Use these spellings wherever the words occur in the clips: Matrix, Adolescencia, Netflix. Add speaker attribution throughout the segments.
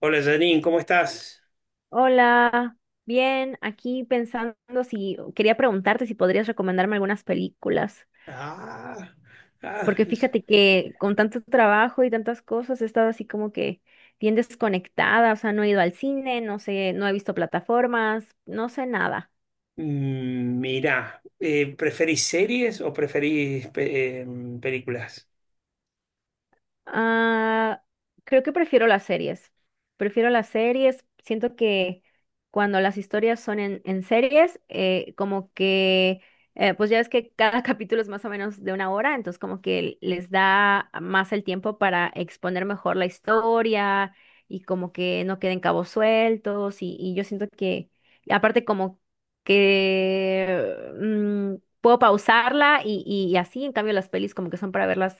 Speaker 1: Hola, Janine, ¿cómo estás?
Speaker 2: Hola, bien, aquí pensando si quería preguntarte si podrías recomendarme algunas películas,
Speaker 1: Ah, ah,
Speaker 2: porque fíjate que con tanto trabajo y tantas cosas he estado así como que bien desconectada, o sea, no he ido al cine, no sé, no he visto plataformas, no sé nada.
Speaker 1: mirá, ¿preferís series o preferís películas?
Speaker 2: Ah, creo que prefiero las series. Prefiero las series. Siento que cuando las historias son en series, como que, pues ya ves que cada capítulo es más o menos de una hora, entonces como que les da más el tiempo para exponer mejor la historia y como que no queden cabos sueltos. Y yo siento que, aparte como que puedo pausarla y, y así, en cambio las pelis como que son para verlas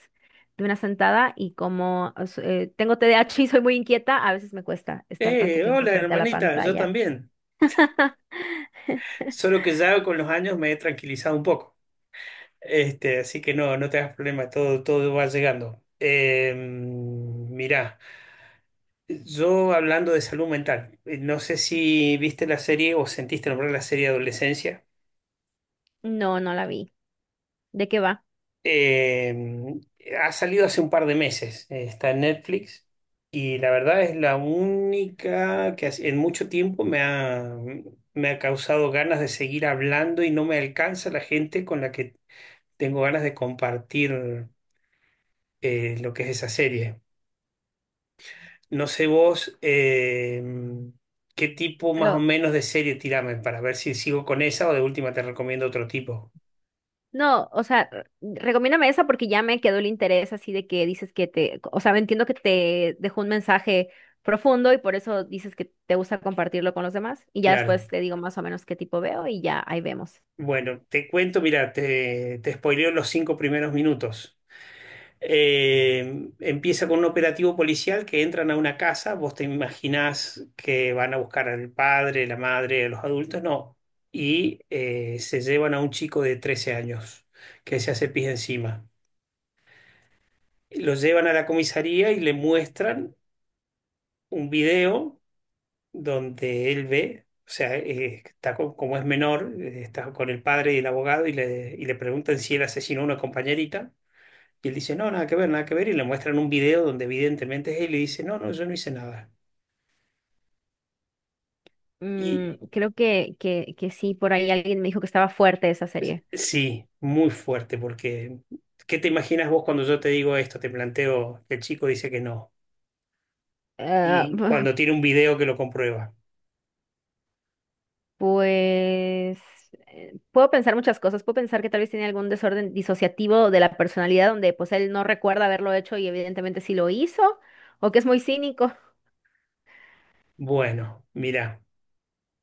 Speaker 2: de una sentada y como o sea, tengo TDAH y soy muy inquieta, a veces me cuesta estar tanto tiempo
Speaker 1: Hola,
Speaker 2: frente a la
Speaker 1: hermanita, yo
Speaker 2: pantalla.
Speaker 1: también. Solo que ya con los años me he tranquilizado un poco. Así que no, no te hagas problema, todo va llegando. Mirá, yo, hablando de salud mental, no sé si viste la serie o sentiste nombrar la serie Adolescencia.
Speaker 2: No, no la vi. ¿De qué va?
Speaker 1: Eh, Ha salido hace un par de meses, está en Netflix y la verdad es la única que en mucho tiempo me ha causado ganas de seguir hablando y no me alcanza la gente con la que tengo ganas de compartir lo que es esa serie. No sé vos, qué tipo más o
Speaker 2: Pero
Speaker 1: menos de serie tirame para ver si sigo con esa o de última te recomiendo otro tipo.
Speaker 2: no, o sea, recomiéndame esa porque ya me quedó el interés así de que dices que te, o sea, entiendo que te dejó un mensaje profundo y por eso dices que te gusta compartirlo con los demás y ya después
Speaker 1: Claro.
Speaker 2: te digo más o menos qué tipo veo y ya ahí vemos.
Speaker 1: Bueno, te cuento, mira, te spoileo los cinco primeros minutos. Empieza con un operativo policial que entran a una casa. Vos te imaginás que van a buscar al padre, la madre, a los adultos, no. Y se llevan a un chico de 13 años que se hace pis encima. Lo llevan a la comisaría y le muestran un video donde él ve, o sea, está como es menor, está con el padre y el abogado y y le preguntan si él asesinó a una compañerita. Y él dice, no, nada que ver, nada que ver. Y le muestran un video donde evidentemente es él y dice, no, no, yo no hice nada.
Speaker 2: Mm,
Speaker 1: Y
Speaker 2: creo que sí, por ahí alguien me dijo que estaba fuerte esa serie.
Speaker 1: sí, muy fuerte, porque ¿qué te imaginas vos cuando yo te digo esto? Te planteo que el chico dice que no.
Speaker 2: Eh,
Speaker 1: Y cuando tiene un video que lo comprueba.
Speaker 2: Pues puedo pensar muchas cosas. Puedo pensar que tal vez tiene algún desorden disociativo de la personalidad donde pues él no recuerda haberlo hecho y evidentemente sí lo hizo, o que es muy cínico.
Speaker 1: Bueno, mira.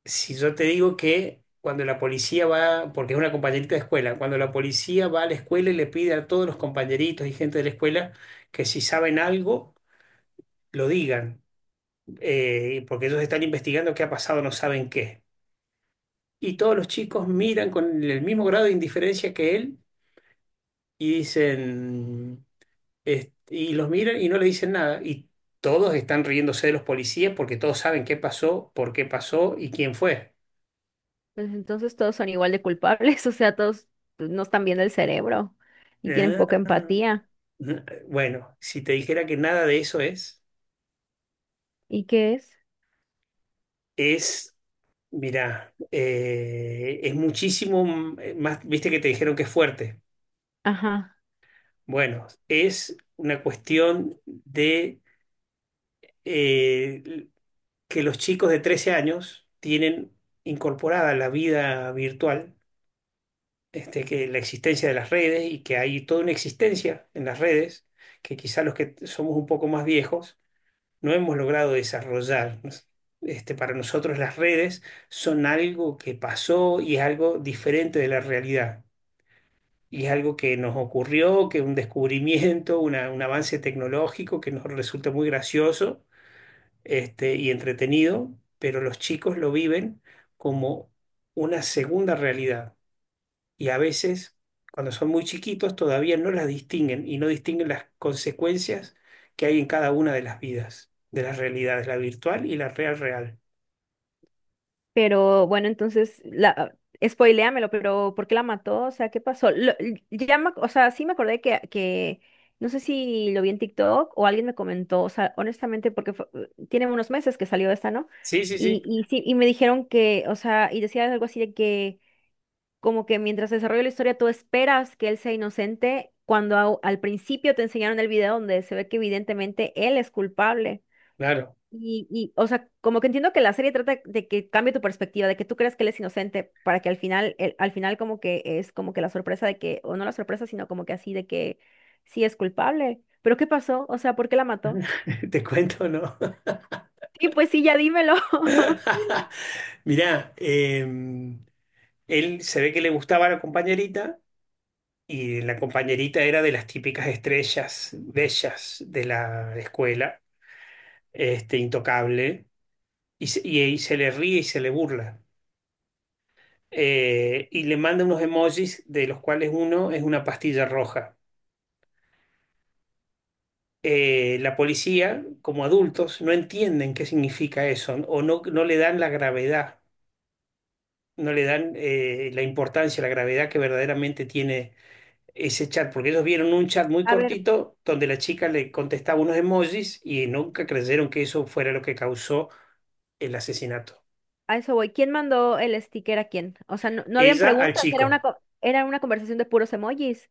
Speaker 1: Si yo te digo que cuando la policía va, porque es una compañerita de escuela, cuando la policía va a la escuela y le pide a todos los compañeritos y gente de la escuela que si saben algo, lo digan, porque ellos están investigando qué ha pasado, no saben qué. Y todos los chicos miran con el mismo grado de indiferencia que él y dicen, y los miran y no le dicen nada. Y todos están riéndose de los policías porque todos saben qué pasó, por qué pasó y quién fue.
Speaker 2: Pues entonces todos son igual de culpables, o sea, todos pues, no están viendo el cerebro y tienen poca
Speaker 1: Ah.
Speaker 2: empatía.
Speaker 1: Bueno, si te dijera que nada de eso
Speaker 2: ¿Y qué es?
Speaker 1: es, mirá, es muchísimo más, viste que te dijeron que es fuerte.
Speaker 2: Ajá.
Speaker 1: Bueno, es una cuestión de eh, que los chicos de 13 años tienen incorporada la vida virtual, que la existencia de las redes y que hay toda una existencia en las redes, que quizá los que somos un poco más viejos no hemos logrado desarrollar. Para nosotros las redes son algo que pasó y es algo diferente de la realidad. Y es algo que nos ocurrió, que un descubrimiento, un avance tecnológico que nos resulta muy gracioso, y entretenido, pero los chicos lo viven como una segunda realidad y a veces, cuando son muy chiquitos, todavía no las distinguen y no distinguen las consecuencias que hay en cada una de las vidas, de las realidades, la virtual y la real real.
Speaker 2: Pero bueno, entonces, la, spoiléamelo, pero ¿por qué la mató? O sea, ¿qué pasó? Ya o sea, sí me acordé no sé si lo vi en TikTok o alguien me comentó, o sea, honestamente, tiene unos meses que salió esta, ¿no?
Speaker 1: Sí, sí, sí,
Speaker 2: Y sí, y me dijeron que, o sea, y decía algo así de que, como que mientras desarrolla la historia, tú esperas que él sea inocente, cuando al principio te enseñaron el video donde se ve que evidentemente él es culpable.
Speaker 1: claro.
Speaker 2: Y, o sea, como que entiendo que la serie trata de que cambie tu perspectiva, de que tú creas que él es inocente, para que al final, al final como que es como que la sorpresa de que, o no la sorpresa, sino como que así de que sí es culpable. Pero ¿qué pasó? O sea, ¿por qué la mató?
Speaker 1: Te cuento, ¿no?
Speaker 2: Sí, pues sí, ya dímelo.
Speaker 1: Mirá, él se ve que le gustaba la compañerita y la compañerita era de las típicas estrellas bellas de la escuela, intocable, y, y se le ríe y se le burla. Y le manda unos emojis de los cuales uno es una pastilla roja. La policía, como adultos, no entienden qué significa eso o no, no le dan la gravedad, no le dan, la importancia, la gravedad que verdaderamente tiene ese chat, porque ellos vieron un chat muy
Speaker 2: A ver,
Speaker 1: cortito donde la chica le contestaba unos emojis y nunca creyeron que eso fuera lo que causó el asesinato.
Speaker 2: a eso voy. ¿Quién mandó el sticker a quién? O sea, no, no habían
Speaker 1: Ella al
Speaker 2: preguntas, era
Speaker 1: chico.
Speaker 2: era una conversación de puros emojis.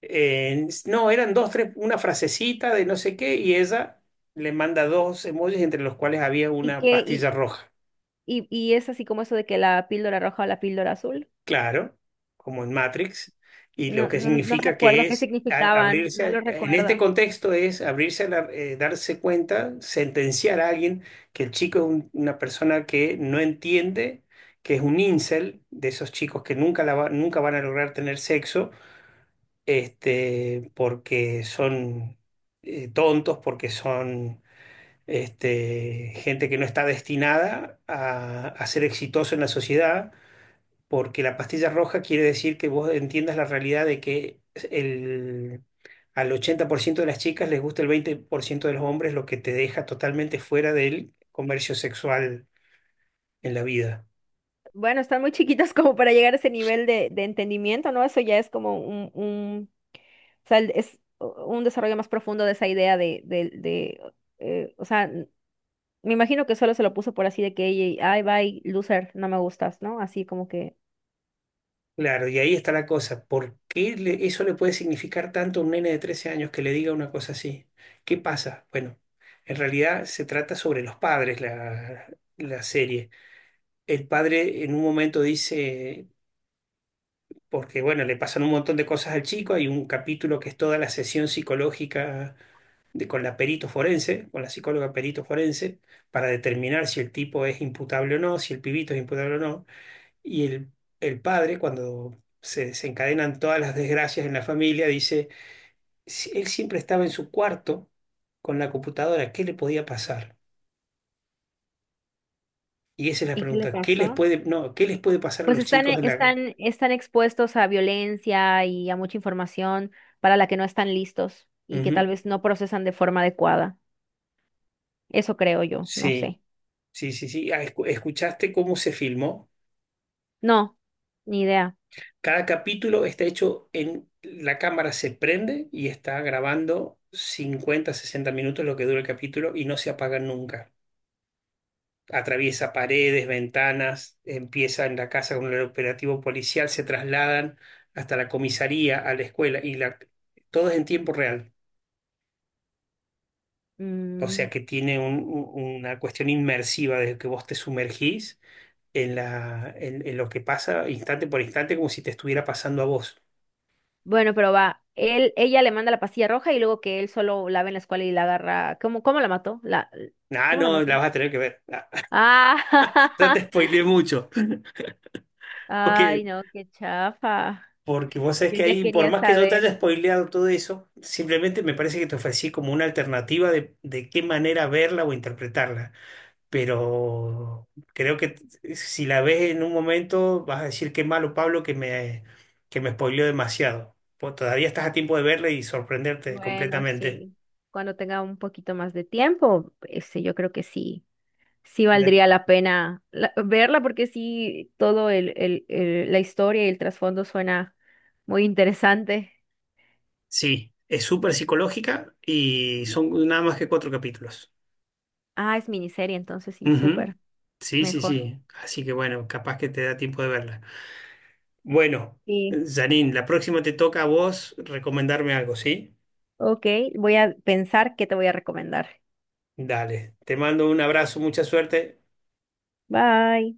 Speaker 1: No, eran dos, tres, una frasecita de no sé qué, y ella le manda dos emojis entre los cuales había
Speaker 2: ¿Y
Speaker 1: una
Speaker 2: qué?
Speaker 1: pastilla roja,
Speaker 2: Y es así como eso de que la píldora roja o la píldora azul.
Speaker 1: claro, como en Matrix, y lo
Speaker 2: No,
Speaker 1: que
Speaker 2: no, no
Speaker 1: significa que
Speaker 2: recuerdo qué
Speaker 1: es
Speaker 2: significaban, no lo
Speaker 1: abrirse, en este
Speaker 2: recuerdo.
Speaker 1: contexto es abrirse, darse cuenta, sentenciar a alguien que el chico es una persona que no entiende, que es un incel, de esos chicos que nunca, nunca van a lograr tener sexo, porque son tontos, porque son, gente que no está destinada a ser exitoso en la sociedad, porque la pastilla roja quiere decir que vos entiendas la realidad de que al 80% de las chicas les gusta el 20% de los hombres, lo que te deja totalmente fuera del comercio sexual en la vida.
Speaker 2: Bueno, están muy chiquitas como para llegar a ese nivel de entendimiento, ¿no? Eso ya es como o sea, es un desarrollo más profundo de esa idea de, o sea, me imagino que solo se lo puso por así de que, "Ey, ay, bye, loser, no me gustas, ¿no? Así como que,
Speaker 1: Claro, y ahí está la cosa. ¿Por qué eso le puede significar tanto a un nene de 13 años que le diga una cosa así? ¿Qué pasa? Bueno, en realidad se trata sobre los padres la serie. El padre en un momento dice, porque bueno, le pasan un montón de cosas al chico, hay un capítulo que es toda la sesión psicológica de, con la perito forense, con la psicóloga perito forense, para determinar si el tipo es imputable o no, si el pibito es imputable o no. Y el padre, cuando se desencadenan todas las desgracias en la familia, dice, "Si él siempre estaba en su cuarto con la computadora, ¿qué le podía pasar? Y esa es la
Speaker 2: ¿y qué le
Speaker 1: pregunta, ¿qué les
Speaker 2: pasó?
Speaker 1: puede, no, ¿qué les puede pasar a
Speaker 2: Pues
Speaker 1: los
Speaker 2: están,
Speaker 1: chicos en la...
Speaker 2: están, están expuestos a violencia y a mucha información para la que no están listos y que tal
Speaker 1: Ujú.
Speaker 2: vez no procesan de forma adecuada. Eso creo yo, no
Speaker 1: Sí,
Speaker 2: sé.
Speaker 1: sí, sí, sí. Ah, ¿escuchaste cómo se filmó?
Speaker 2: No, ni idea.
Speaker 1: Cada capítulo está hecho en... La cámara se prende y está grabando 50, 60 minutos lo que dura el capítulo y no se apaga nunca. Atraviesa paredes, ventanas, empieza en la casa con el operativo policial, se trasladan hasta la comisaría, a la escuela, todo es en tiempo real. O
Speaker 2: Mm,
Speaker 1: sea que tiene una cuestión inmersiva desde que vos te sumergís en lo que pasa instante por instante como si te estuviera pasando a vos.
Speaker 2: bueno, pero va. Él, ella le manda la pastilla roja y luego que él solo la ve en la escuela y la agarra. ¿Cómo, cómo la mató? La,
Speaker 1: Ah,
Speaker 2: ¿cómo la
Speaker 1: no,
Speaker 2: mató?
Speaker 1: la vas a tener que ver. Ah,
Speaker 2: Ah,
Speaker 1: ya te spoileé mucho. Ok.
Speaker 2: ay, no, qué chafa.
Speaker 1: Porque vos sabés
Speaker 2: Yo
Speaker 1: que
Speaker 2: ya
Speaker 1: ahí, por
Speaker 2: quería
Speaker 1: más que yo te
Speaker 2: saber.
Speaker 1: haya spoileado todo eso, simplemente me parece que te ofrecí como una alternativa de qué manera verla o interpretarla. Pero creo que si la ves en un momento, vas a decir qué malo Pablo que me spoileó demasiado. Vos todavía estás a tiempo de verla y sorprenderte
Speaker 2: Bueno,
Speaker 1: completamente.
Speaker 2: sí. Cuando tenga un poquito más de tiempo, este, yo creo que sí, sí
Speaker 1: De-
Speaker 2: valdría la pena verla porque sí, todo el, la historia y el trasfondo suena muy interesante.
Speaker 1: Sí, es súper psicológica y son nada más que cuatro capítulos.
Speaker 2: Ah, es miniserie, entonces sí,
Speaker 1: Ujú.
Speaker 2: súper
Speaker 1: Sí, sí,
Speaker 2: mejor.
Speaker 1: sí. Así que bueno, capaz que te da tiempo de verla. Bueno,
Speaker 2: Sí.
Speaker 1: Janine, la próxima te toca a vos recomendarme algo, ¿sí?
Speaker 2: Ok, voy a pensar qué te voy a recomendar.
Speaker 1: Dale, te mando un abrazo, mucha suerte.
Speaker 2: Bye.